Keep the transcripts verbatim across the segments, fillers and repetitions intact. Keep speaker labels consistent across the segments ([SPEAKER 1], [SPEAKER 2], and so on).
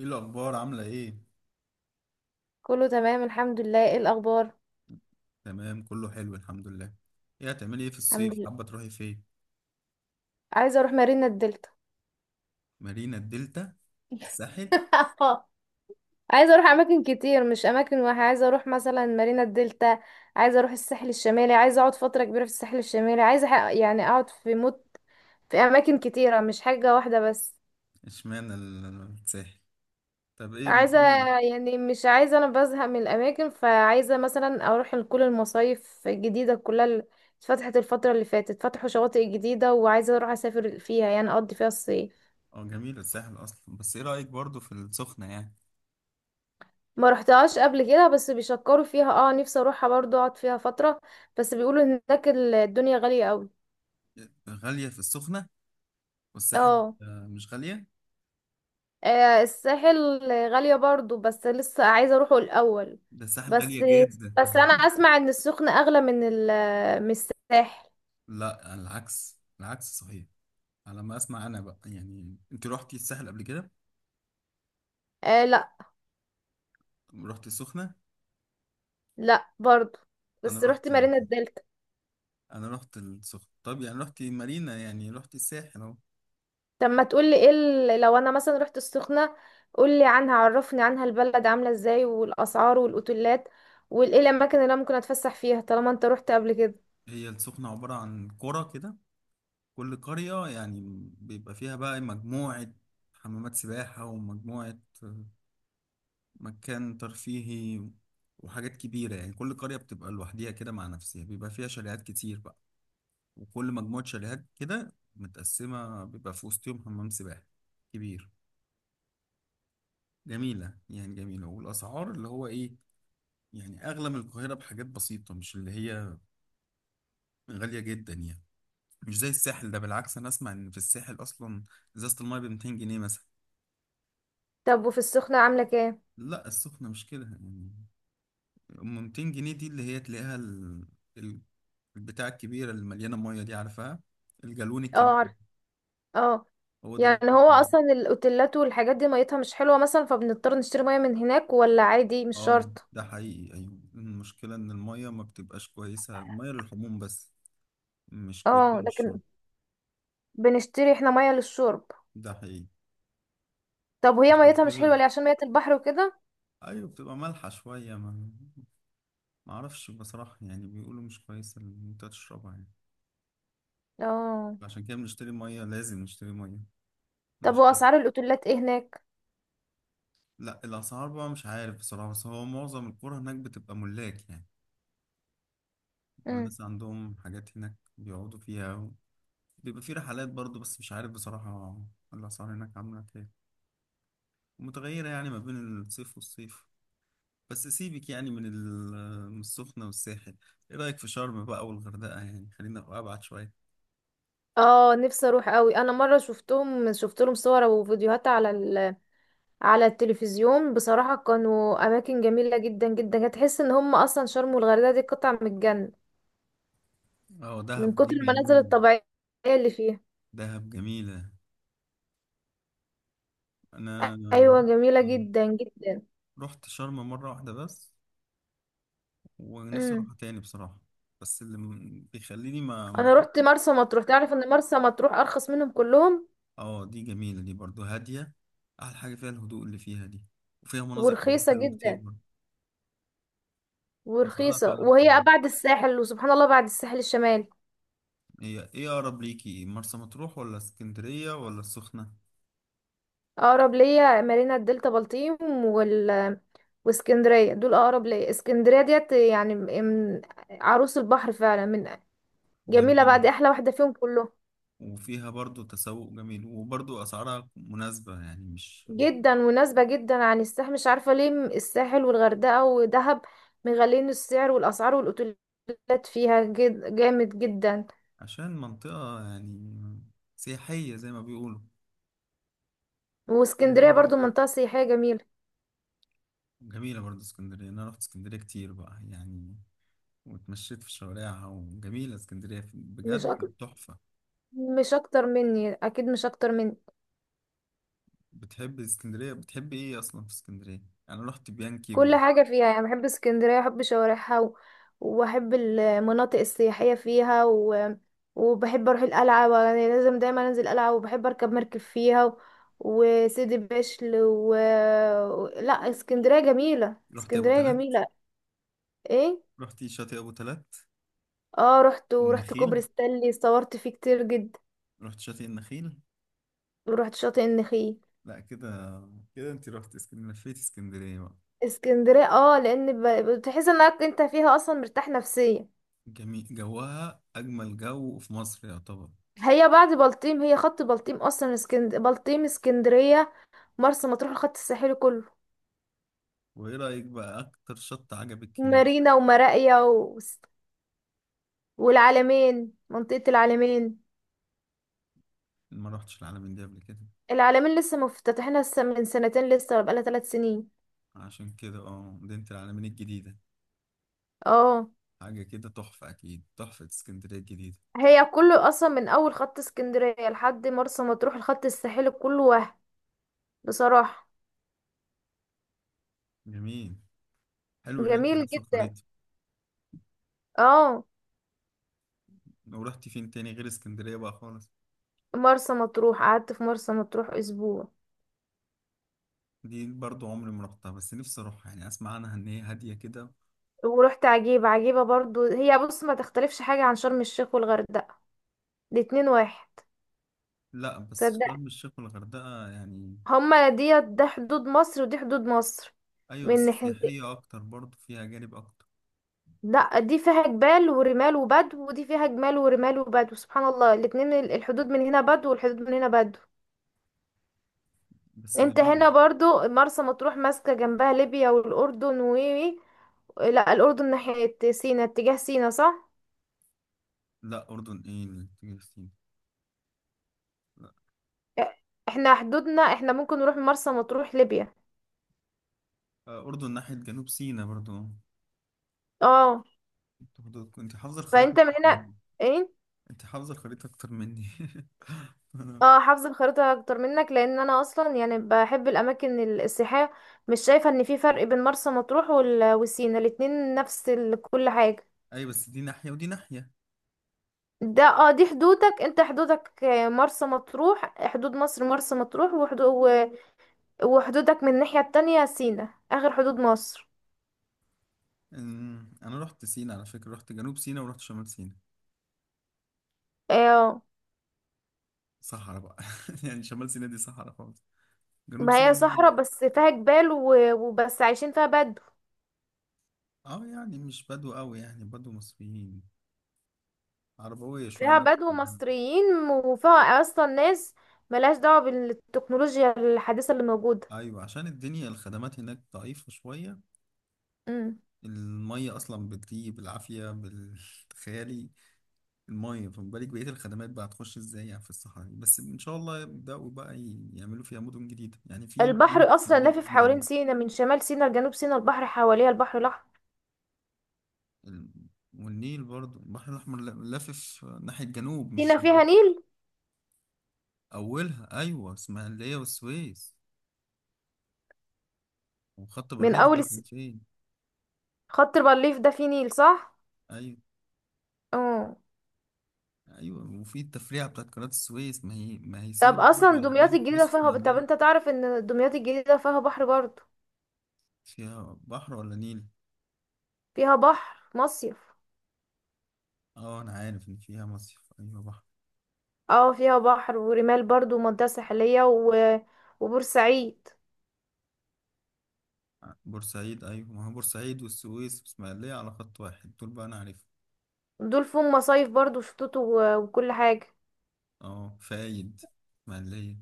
[SPEAKER 1] ايه الاخبار عامله ايه؟
[SPEAKER 2] كله تمام، الحمد لله. ايه الاخبار؟
[SPEAKER 1] تمام، كله حلو الحمد لله. ايه هتعملي ايه في
[SPEAKER 2] الحمد
[SPEAKER 1] الصيف؟
[SPEAKER 2] لله.
[SPEAKER 1] حابه تروحي فين؟
[SPEAKER 2] عايزه اروح مارينا الدلتا.
[SPEAKER 1] مارينا الدلتا، الساحل.
[SPEAKER 2] عايزه اروح اماكن كتير، مش اماكن واحده. عايزه اروح مثلا مارينا الدلتا، عايزه اروح الساحل الشمالي، عايزه اقعد فتره كبيره في الساحل الشمالي، عايزه أح- يعني اقعد في موت، في اماكن كتيره مش حاجه واحده بس.
[SPEAKER 1] اشمعنى ال- الساحل؟ طب ايه
[SPEAKER 2] عايزه
[SPEAKER 1] مكان؟
[SPEAKER 2] يعني مش عايزه، انا بزهق من الاماكن، فعايزه مثلا اروح لكل المصايف الجديده كلها اللي اتفتحت الفتره اللي فاتت، فتحوا شواطئ جديده وعايزه اروح اسافر فيها، يعني اقضي فيها الصيف.
[SPEAKER 1] اه، جميل الساحل اصلا. بس ايه رايك برضو في السخنه يعني؟
[SPEAKER 2] ما رحتهاش قبل كده بس بيشكروا فيها، اه، نفسي اروحها برضو اقعد فيها فترة. بس بيقولوا هناك ال- الدنيا غالية قوي.
[SPEAKER 1] غاليه في السخنه؟ والساحل
[SPEAKER 2] اه،
[SPEAKER 1] آه، مش غاليه.
[SPEAKER 2] آه، الساحل غالية برضو، بس لسه عايزة اروحه الاول.
[SPEAKER 1] ده الساحل غاليه
[SPEAKER 2] بس
[SPEAKER 1] جدا.
[SPEAKER 2] بس انا اسمع ان السخنة اغلى من ال، من الساحل.
[SPEAKER 1] لا، على العكس، العكس صحيح. على ما اسمع انا بقى يعني، انت روحتي الساحل قبل كده؟
[SPEAKER 2] آه لا.
[SPEAKER 1] روحتي السخنه؟
[SPEAKER 2] لا برضو.
[SPEAKER 1] انا
[SPEAKER 2] بس رحت
[SPEAKER 1] روحت.
[SPEAKER 2] مارينا الدلتا.
[SPEAKER 1] انا رحت السخنة. طب يعني رحت مارينا، يعني رحت الساحل اهو.
[SPEAKER 2] طب ما تقولي ايه ال- لو انا مثلا رحت السخنة، قولي عنها، عرفني عنها، البلد عاملة ازاي والاسعار والاوتيلات وايه الاماكن اللي انا ممكن اتفسح فيها طالما انت رحت قبل كده.
[SPEAKER 1] هي السخنة عبارة عن قرى كده. كل قرية يعني بيبقى فيها بقى مجموعة حمامات سباحة ومجموعة، مكان ترفيهي وحاجات كبيرة. يعني كل قرية بتبقى لوحديها كده مع نفسها، بيبقى فيها شاليهات كتير بقى. وكل مجموعة شاليهات كده متقسمة بيبقى في وسطهم حمام سباحة كبير. جميلة يعني جميلة. والأسعار اللي هو إيه، يعني أغلى من القاهرة بحاجات بسيطة، مش اللي هي غالية جدا يعني. مش زي الساحل. ده بالعكس، انا اسمع ان في الساحل اصلا ازازه المايه ب ميتين جنيه مثلا.
[SPEAKER 2] طب وفي السخنة عاملة كام؟
[SPEAKER 1] لا، السخنه مش كده يعني. ام ميتين جنيه دي اللي هي تلاقيها ال... ال- البتاع الكبيره اللي مليانه ميه دي، عارفها؟ الجالون
[SPEAKER 2] اه
[SPEAKER 1] الكبير.
[SPEAKER 2] عارف. اه.
[SPEAKER 1] هو ده اللي
[SPEAKER 2] يعني هو
[SPEAKER 1] ممكن.
[SPEAKER 2] اصلا الاوتيلات والحاجات دي ميتها مش حلوة مثلا، فبنضطر نشتري مية من هناك ولا عادي مش
[SPEAKER 1] اه،
[SPEAKER 2] شرط؟
[SPEAKER 1] ده حقيقي. ايوه، المشكله ان الميه ما بتبقاش كويسه، الميه للحموم بس، مش كويسه
[SPEAKER 2] اه لكن
[SPEAKER 1] للشرب.
[SPEAKER 2] بنشتري احنا مية للشرب.
[SPEAKER 1] ده حقيقي.
[SPEAKER 2] طب وهي
[SPEAKER 1] عشان
[SPEAKER 2] ميتها مش
[SPEAKER 1] كده
[SPEAKER 2] حلوة ليه؟ عشان مية البحر وكده؟
[SPEAKER 1] ايوه، بتبقى مالحه شويه. ما ما اعرفش بصراحه يعني، بيقولوا مش كويسه ان انت تشربها يعني.
[SPEAKER 2] اه.
[SPEAKER 1] عشان كده بنشتري ميه، لازم نشتري ميه
[SPEAKER 2] طب
[SPEAKER 1] للشرب.
[SPEAKER 2] واسعار الاوتيلات ايه هناك؟
[SPEAKER 1] لا، الاسعار بقى مش عارف بصراحه. بس هو معظم القرى هناك بتبقى ملاك يعني، بيبقى
[SPEAKER 2] مم.
[SPEAKER 1] الناس عندهم حاجات هناك بيقعدوا فيها. بيبقى في رحلات برضو، بس مش عارف بصراحه الاسعار هناك عامله ايه، متغيره يعني ما بين الصيف والصيف. بس سيبك يعني من ال- من السخنه والساحل. ايه رايك في شرم بقى والغردقه؟ يعني خلينا ابعد شويه.
[SPEAKER 2] اه نفسي اروح قوي. انا مره شفتهم، شفت لهم صور وفيديوهات على ال... على التلفزيون بصراحه، كانوا اماكن جميله جدا جدا، هتحس ان هم اصلا شرم والغردقه دي قطع من الجنه،
[SPEAKER 1] اه، دهب
[SPEAKER 2] من
[SPEAKER 1] دي
[SPEAKER 2] كتر المناظر
[SPEAKER 1] جميله.
[SPEAKER 2] الطبيعية اللي فيها.
[SPEAKER 1] دهب جميله. انا
[SPEAKER 2] أيوة جميلة جدا جدا.
[SPEAKER 1] رحت شرم مره واحده بس، ونفسي
[SPEAKER 2] امم.
[SPEAKER 1] اروحها تاني بصراحة. بس اللي م- بيخليني ما ما
[SPEAKER 2] أنا رحت
[SPEAKER 1] احبش.
[SPEAKER 2] مرسى مطروح. تعرف إن مرسى مطروح أرخص منهم كلهم؟
[SPEAKER 1] اه، دي جميلة، دي برضو هادية. احلى حاجة فيها الهدوء اللي فيها دي. وفيها مناظر طبيعية
[SPEAKER 2] ورخيصة
[SPEAKER 1] حلوة كتير
[SPEAKER 2] جدا.
[SPEAKER 1] برضو. اسعارها
[SPEAKER 2] ورخيصة،
[SPEAKER 1] فعلا
[SPEAKER 2] وهي
[SPEAKER 1] كويسة.
[SPEAKER 2] بعد الساحل، وسبحان الله بعد الساحل الشمالي.
[SPEAKER 1] هي ايه اقرب ليكي، مرسى مطروح ولا اسكندرية ولا السخنة؟
[SPEAKER 2] أقرب ليا مارينا الدلتا، بلطيم، وال، واسكندرية. دول أقرب ليا. اسكندرية ديت يعني من عروس البحر فعلا، من. جميلة،
[SPEAKER 1] جميل.
[SPEAKER 2] بعد أحلى واحدة فيهم كلهم.
[SPEAKER 1] وفيها برضو تسوق جميل، وبرضو اسعارها مناسبة يعني مش...
[SPEAKER 2] جدا مناسبة جدا عن الساحل، مش عارفة ليه م- الساحل والغردقة ودهب مغالين السعر، والأسعار والأوتيلات فيها جد جامد جدا.
[SPEAKER 1] عشان منطقة يعني سياحية زي ما بيقولوا.
[SPEAKER 2] واسكندرية برضو منطقة سياحية جميلة.
[SPEAKER 1] جميلة برضو اسكندرية. أنا رحت اسكندرية كتير بقى يعني، واتمشيت في شوارعها، وجميلة اسكندرية في-
[SPEAKER 2] مش أك...
[SPEAKER 1] بجد تحفة.
[SPEAKER 2] مش أكتر مني، أكيد مش أكتر مني.
[SPEAKER 1] بتحب اسكندرية؟ بتحب ايه اصلا في اسكندرية؟ يعني رحت بيانكي؟
[SPEAKER 2] كل حاجة فيها. يعني بحب اسكندرية، بحب شوارعها و... وبحب المناطق السياحية فيها و... وبحب اروح القلعة، يعني لازم دايما انزل القلعة، وبحب اركب مركب فيها و... وسيدي بشر و... لا اسكندرية جميلة،
[SPEAKER 1] ورحت ابو
[SPEAKER 2] اسكندرية
[SPEAKER 1] تلات؟
[SPEAKER 2] جميلة. ايه؟
[SPEAKER 1] رحت شاطئ ابو تلات؟
[SPEAKER 2] اه رحت، ورحت
[SPEAKER 1] والنخيل؟
[SPEAKER 2] كوبري ستانلي، صورت فيه كتير جدا.
[SPEAKER 1] رحت شاطئ النخيل؟
[SPEAKER 2] ورحت شاطئ النخيل.
[SPEAKER 1] لا كده، كده انت رحت اسكندرية، لفيت اسكندرية بقى.
[SPEAKER 2] اسكندرية، اه، لان ب... بتحس انك انت فيها اصلا مرتاح نفسيا.
[SPEAKER 1] جميل جوها، اجمل جو في مصر يعتبر.
[SPEAKER 2] هي بعد بلطيم، هي خط بلطيم اصلا اسكند... بلطيم اسكندرية مرسى مطروح الخط الساحلي كله.
[SPEAKER 1] وايه رأيك بقى اكتر شط عجبك هناك؟
[SPEAKER 2] مارينا ومراقيا و... والعلمين، منطقة العلمين.
[SPEAKER 1] ما رحتش العلمين دي قبل كده؟
[SPEAKER 2] العلمين لسه مفتتحينها الس- من سنتين لسه، ولا بقالها ثلاث سنين.
[SPEAKER 1] عشان كده اه، مدينة العلمين الجديدة.
[SPEAKER 2] اه.
[SPEAKER 1] حاجة كده تحفة، أكيد تحفة اسكندرية الجديدة.
[SPEAKER 2] هي كله اصلا من اول خط اسكندرية لحد مرسى مطروح، الخط الساحلي كله، وهم بصراحة
[SPEAKER 1] جميل. حلو ان انت
[SPEAKER 2] جميل
[SPEAKER 1] عارفه
[SPEAKER 2] جدا.
[SPEAKER 1] الخريطه.
[SPEAKER 2] اه
[SPEAKER 1] لو رحتي فين تاني غير اسكندريه بقى خالص؟
[SPEAKER 2] مرسى مطروح، قعدت في مرسى مطروح اسبوع.
[SPEAKER 1] دي برضو عمري ما رحتها، بس نفسي اروحها يعني، اسمع عنها ان هي هاديه كده.
[SPEAKER 2] ورحت عجيبة، عجيبة برضو. هي بص، ما تختلفش حاجة عن شرم الشيخ والغردقة، الاتنين واحد.
[SPEAKER 1] لا بس
[SPEAKER 2] تصدق؟
[SPEAKER 1] شرم الشيخ والغردقه يعني...
[SPEAKER 2] هما ديت، ده حدود مصر ودي حدود مصر،
[SPEAKER 1] ايوه،
[SPEAKER 2] من
[SPEAKER 1] بس
[SPEAKER 2] ناحيتين.
[SPEAKER 1] سياحيه اكتر، برضو فيها جانب اكتر.
[SPEAKER 2] لا دي فيها جبال ورمال وبدو، ودي فيها جمال ورمال وبدو، سبحان الله. الاتنين ال- الحدود من هنا بدو والحدود من هنا بدو.
[SPEAKER 1] بس
[SPEAKER 2] انت
[SPEAKER 1] جميل.
[SPEAKER 2] هنا برضو مرسى مطروح ماسكة جنبها ليبيا والأردن و... لا الأردن ناحية سينا، اتجاه سينا صح؟
[SPEAKER 1] لا، اردن ايه اللي تيجي في سينا؟ لا.
[SPEAKER 2] اه، احنا حدودنا، احنا ممكن نروح مرسى مطروح ليبيا.
[SPEAKER 1] آه، اردن ناحيه جنوب سينا برضو.
[SPEAKER 2] اه.
[SPEAKER 1] انت برضو- انت حافظه الخريطه
[SPEAKER 2] فانت من
[SPEAKER 1] أكتر
[SPEAKER 2] هنا.
[SPEAKER 1] مني.
[SPEAKER 2] إيه؟
[SPEAKER 1] انت حافظه الخريطه اكتر مني. انا.
[SPEAKER 2] اه حافظه الخريطه اكتر منك، لان انا اصلا يعني بحب الاماكن ال- السياحيه. مش شايفه ان في فرق بين مرسى مطروح وال- وسينا، الاتنين نفس ال- كل حاجه.
[SPEAKER 1] ايوه، بس دي ناحيه ودي ناحيه.
[SPEAKER 2] ده اه دي حدودك، انت حدودك آه، مرسى مطروح حدود مصر، مرسى مطروح وحدود، وحدودك من الناحيه التانية سينا، اخر حدود مصر.
[SPEAKER 1] أمم، انا رحت سينا على فكره، رحت جنوب سينا ورحت شمال سينا.
[SPEAKER 2] اه.
[SPEAKER 1] صحراء بقى. يعني شمال سيناء دي صحراء خالص. جنوب
[SPEAKER 2] ما هي
[SPEAKER 1] سيناء ممكن-
[SPEAKER 2] صحراء بس فيها جبال و- وبس عايشين فيها بدو.
[SPEAKER 1] اه يعني مش بدو قوي، يعني بدو مصريين. عربوية شوية،
[SPEAKER 2] فيها
[SPEAKER 1] ناس
[SPEAKER 2] بدو
[SPEAKER 1] مهم.
[SPEAKER 2] مصريين، وفيها اصلا ناس ملهاش دعوه بالتكنولوجيا الحديثه اللي موجوده.
[SPEAKER 1] ايوه، عشان الدنيا الخدمات هناك ضعيفة شوية.
[SPEAKER 2] مم.
[SPEAKER 1] المية اصلا بتيجي بالعافية بالخيالي. المية، فما بالك بقية الخدمات بقى؟ هتخش ازاي يعني في الصحراء دي. بس ان شاء الله يبدأوا بقى ي- يعملوا فيها مدن جديدة، يعني في مدينة
[SPEAKER 2] البحر أصلا
[SPEAKER 1] اسماعيلية
[SPEAKER 2] لافف
[SPEAKER 1] جديدة.
[SPEAKER 2] حوالين سينا، من شمال سينا لجنوب سينا البحر حواليها، البحر الأحمر.
[SPEAKER 1] ال- والنيل برضو. البحر الأحمر ل- لافف ناحية جنوب
[SPEAKER 2] سينا
[SPEAKER 1] مش...
[SPEAKER 2] فيها نيل؟
[SPEAKER 1] اولها ايوه، اسماعيليه والسويس. وخط
[SPEAKER 2] من
[SPEAKER 1] بارليف
[SPEAKER 2] أول
[SPEAKER 1] دي كان
[SPEAKER 2] الس...
[SPEAKER 1] فين؟
[SPEAKER 2] خط الريف ده فيه نيل صح؟
[SPEAKER 1] ايوه.
[SPEAKER 2] اه.
[SPEAKER 1] ايوه، وفي التفريعه بتاعت قناه السويس، ما هي ما هي سينا
[SPEAKER 2] طب
[SPEAKER 1] برضه
[SPEAKER 2] أصلا
[SPEAKER 1] على حدود
[SPEAKER 2] دمياط
[SPEAKER 1] السويس.
[SPEAKER 2] الجديدة فيها، طب أنت
[SPEAKER 1] والاسماعيليه.
[SPEAKER 2] تعرف إن دمياط الجديدة فيها بحر برضه؟
[SPEAKER 1] فيها بحر ولا نيل؟
[SPEAKER 2] فيها بحر، مصيف.
[SPEAKER 1] اه، انا عارف ان فيها مصيف، ايوه بحر.
[SPEAKER 2] اه فيها بحر ورمال برضه ومنطقة ساحلية و... وبورسعيد،
[SPEAKER 1] بورسعيد، ايوه ما هو بورسعيد والسويس والاسماعيليه على خط واحد. دول بقى انا عارفهم.
[SPEAKER 2] دول فيهم مصايف برضه وشطوط و... وكل حاجة.
[SPEAKER 1] اه، فايد. اسماعيليه.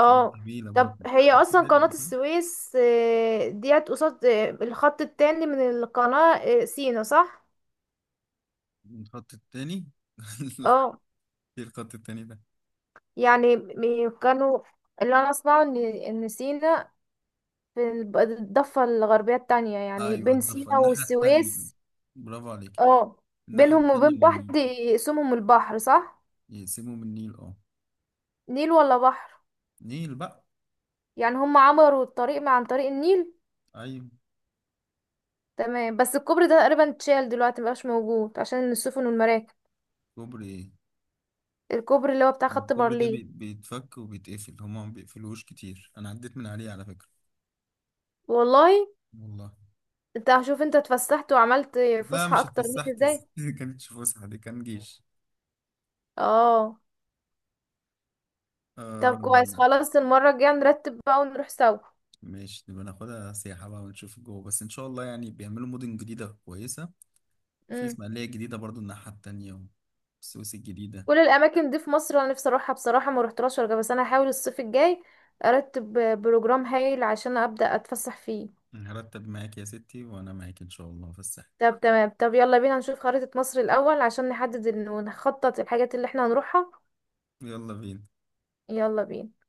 [SPEAKER 1] فايد جميله
[SPEAKER 2] طب
[SPEAKER 1] برضه.
[SPEAKER 2] هي
[SPEAKER 1] رحت
[SPEAKER 2] اصلا
[SPEAKER 1] فايد
[SPEAKER 2] قناة
[SPEAKER 1] قبل كده؟
[SPEAKER 2] السويس آه، ديت قصاد آه، الخط التاني من القناة آه، سينا صح؟
[SPEAKER 1] الخط التاني؟
[SPEAKER 2] اه
[SPEAKER 1] ايه الخط التاني ده؟
[SPEAKER 2] يعني م- كانوا. اللي انا اسمعه ان ان سينا في الب- الضفة الغربية التانية، يعني
[SPEAKER 1] ايوه،
[SPEAKER 2] بين
[SPEAKER 1] ده في
[SPEAKER 2] سينا
[SPEAKER 1] الناحيه التانيه.
[SPEAKER 2] والسويس.
[SPEAKER 1] برافو عليك.
[SPEAKER 2] اه
[SPEAKER 1] الناحية
[SPEAKER 2] بينهم
[SPEAKER 1] التانية
[SPEAKER 2] وبين
[SPEAKER 1] من النيل.
[SPEAKER 2] بعض يقسمهم البحر صح؟
[SPEAKER 1] يقسموا من النيل، اه.
[SPEAKER 2] نيل ولا بحر؟
[SPEAKER 1] نيل بقى.
[SPEAKER 2] يعني هم عمروا الطريق مع عن طريق النيل.
[SPEAKER 1] أيوة.
[SPEAKER 2] تمام، بس الكوبري ده تقريبا اتشال دلوقتي، مبقاش موجود عشان السفن والمراكب.
[SPEAKER 1] كوبري ايه؟
[SPEAKER 2] الكوبري اللي هو بتاع
[SPEAKER 1] هو
[SPEAKER 2] خط
[SPEAKER 1] الكوبري ده
[SPEAKER 2] بارليه.
[SPEAKER 1] بي- بيتفك وبيتقفل، هما ما بيقفلوهوش كتير. أنا عديت من عليه على فكرة.
[SPEAKER 2] والله.
[SPEAKER 1] والله.
[SPEAKER 2] انت هشوف انت اتفسحت وعملت
[SPEAKER 1] لا،
[SPEAKER 2] فسحة
[SPEAKER 1] مش
[SPEAKER 2] اكتر مني
[SPEAKER 1] اتفسحت.
[SPEAKER 2] ازاي.
[SPEAKER 1] دي كانتش فسحة، دي كان جيش.
[SPEAKER 2] اه طب
[SPEAKER 1] آه.
[SPEAKER 2] كويس، خلاص المرة الجاية نرتب بقى ونروح سوا.
[SPEAKER 1] ماشي، نبقى ناخدها سياحة بقى ونشوف جوه، بس إن شاء الله يعني بيعملوا مدن جديدة كويسة. في
[SPEAKER 2] امم.
[SPEAKER 1] إسماعيلية جديدة برضو الناحية التانية. والسويس الجديدة.
[SPEAKER 2] كل الاماكن دي في مصر انا نفسي اروحها بصراحة، ما رحتهاش ولا جا- بس انا هحاول الصيف الجاي ارتب بروجرام هايل عشان ابدأ اتفسح فيه.
[SPEAKER 1] هرتب معاك يا ستي، وأنا معاك إن شاء الله في الساحل.
[SPEAKER 2] طب تمام طب يلا بينا نشوف خريطة مصر الاول، عشان نحدد ال- ونخطط الحاجات اللي احنا هنروحها.
[SPEAKER 1] يلا بينا.
[SPEAKER 2] يلا بينا.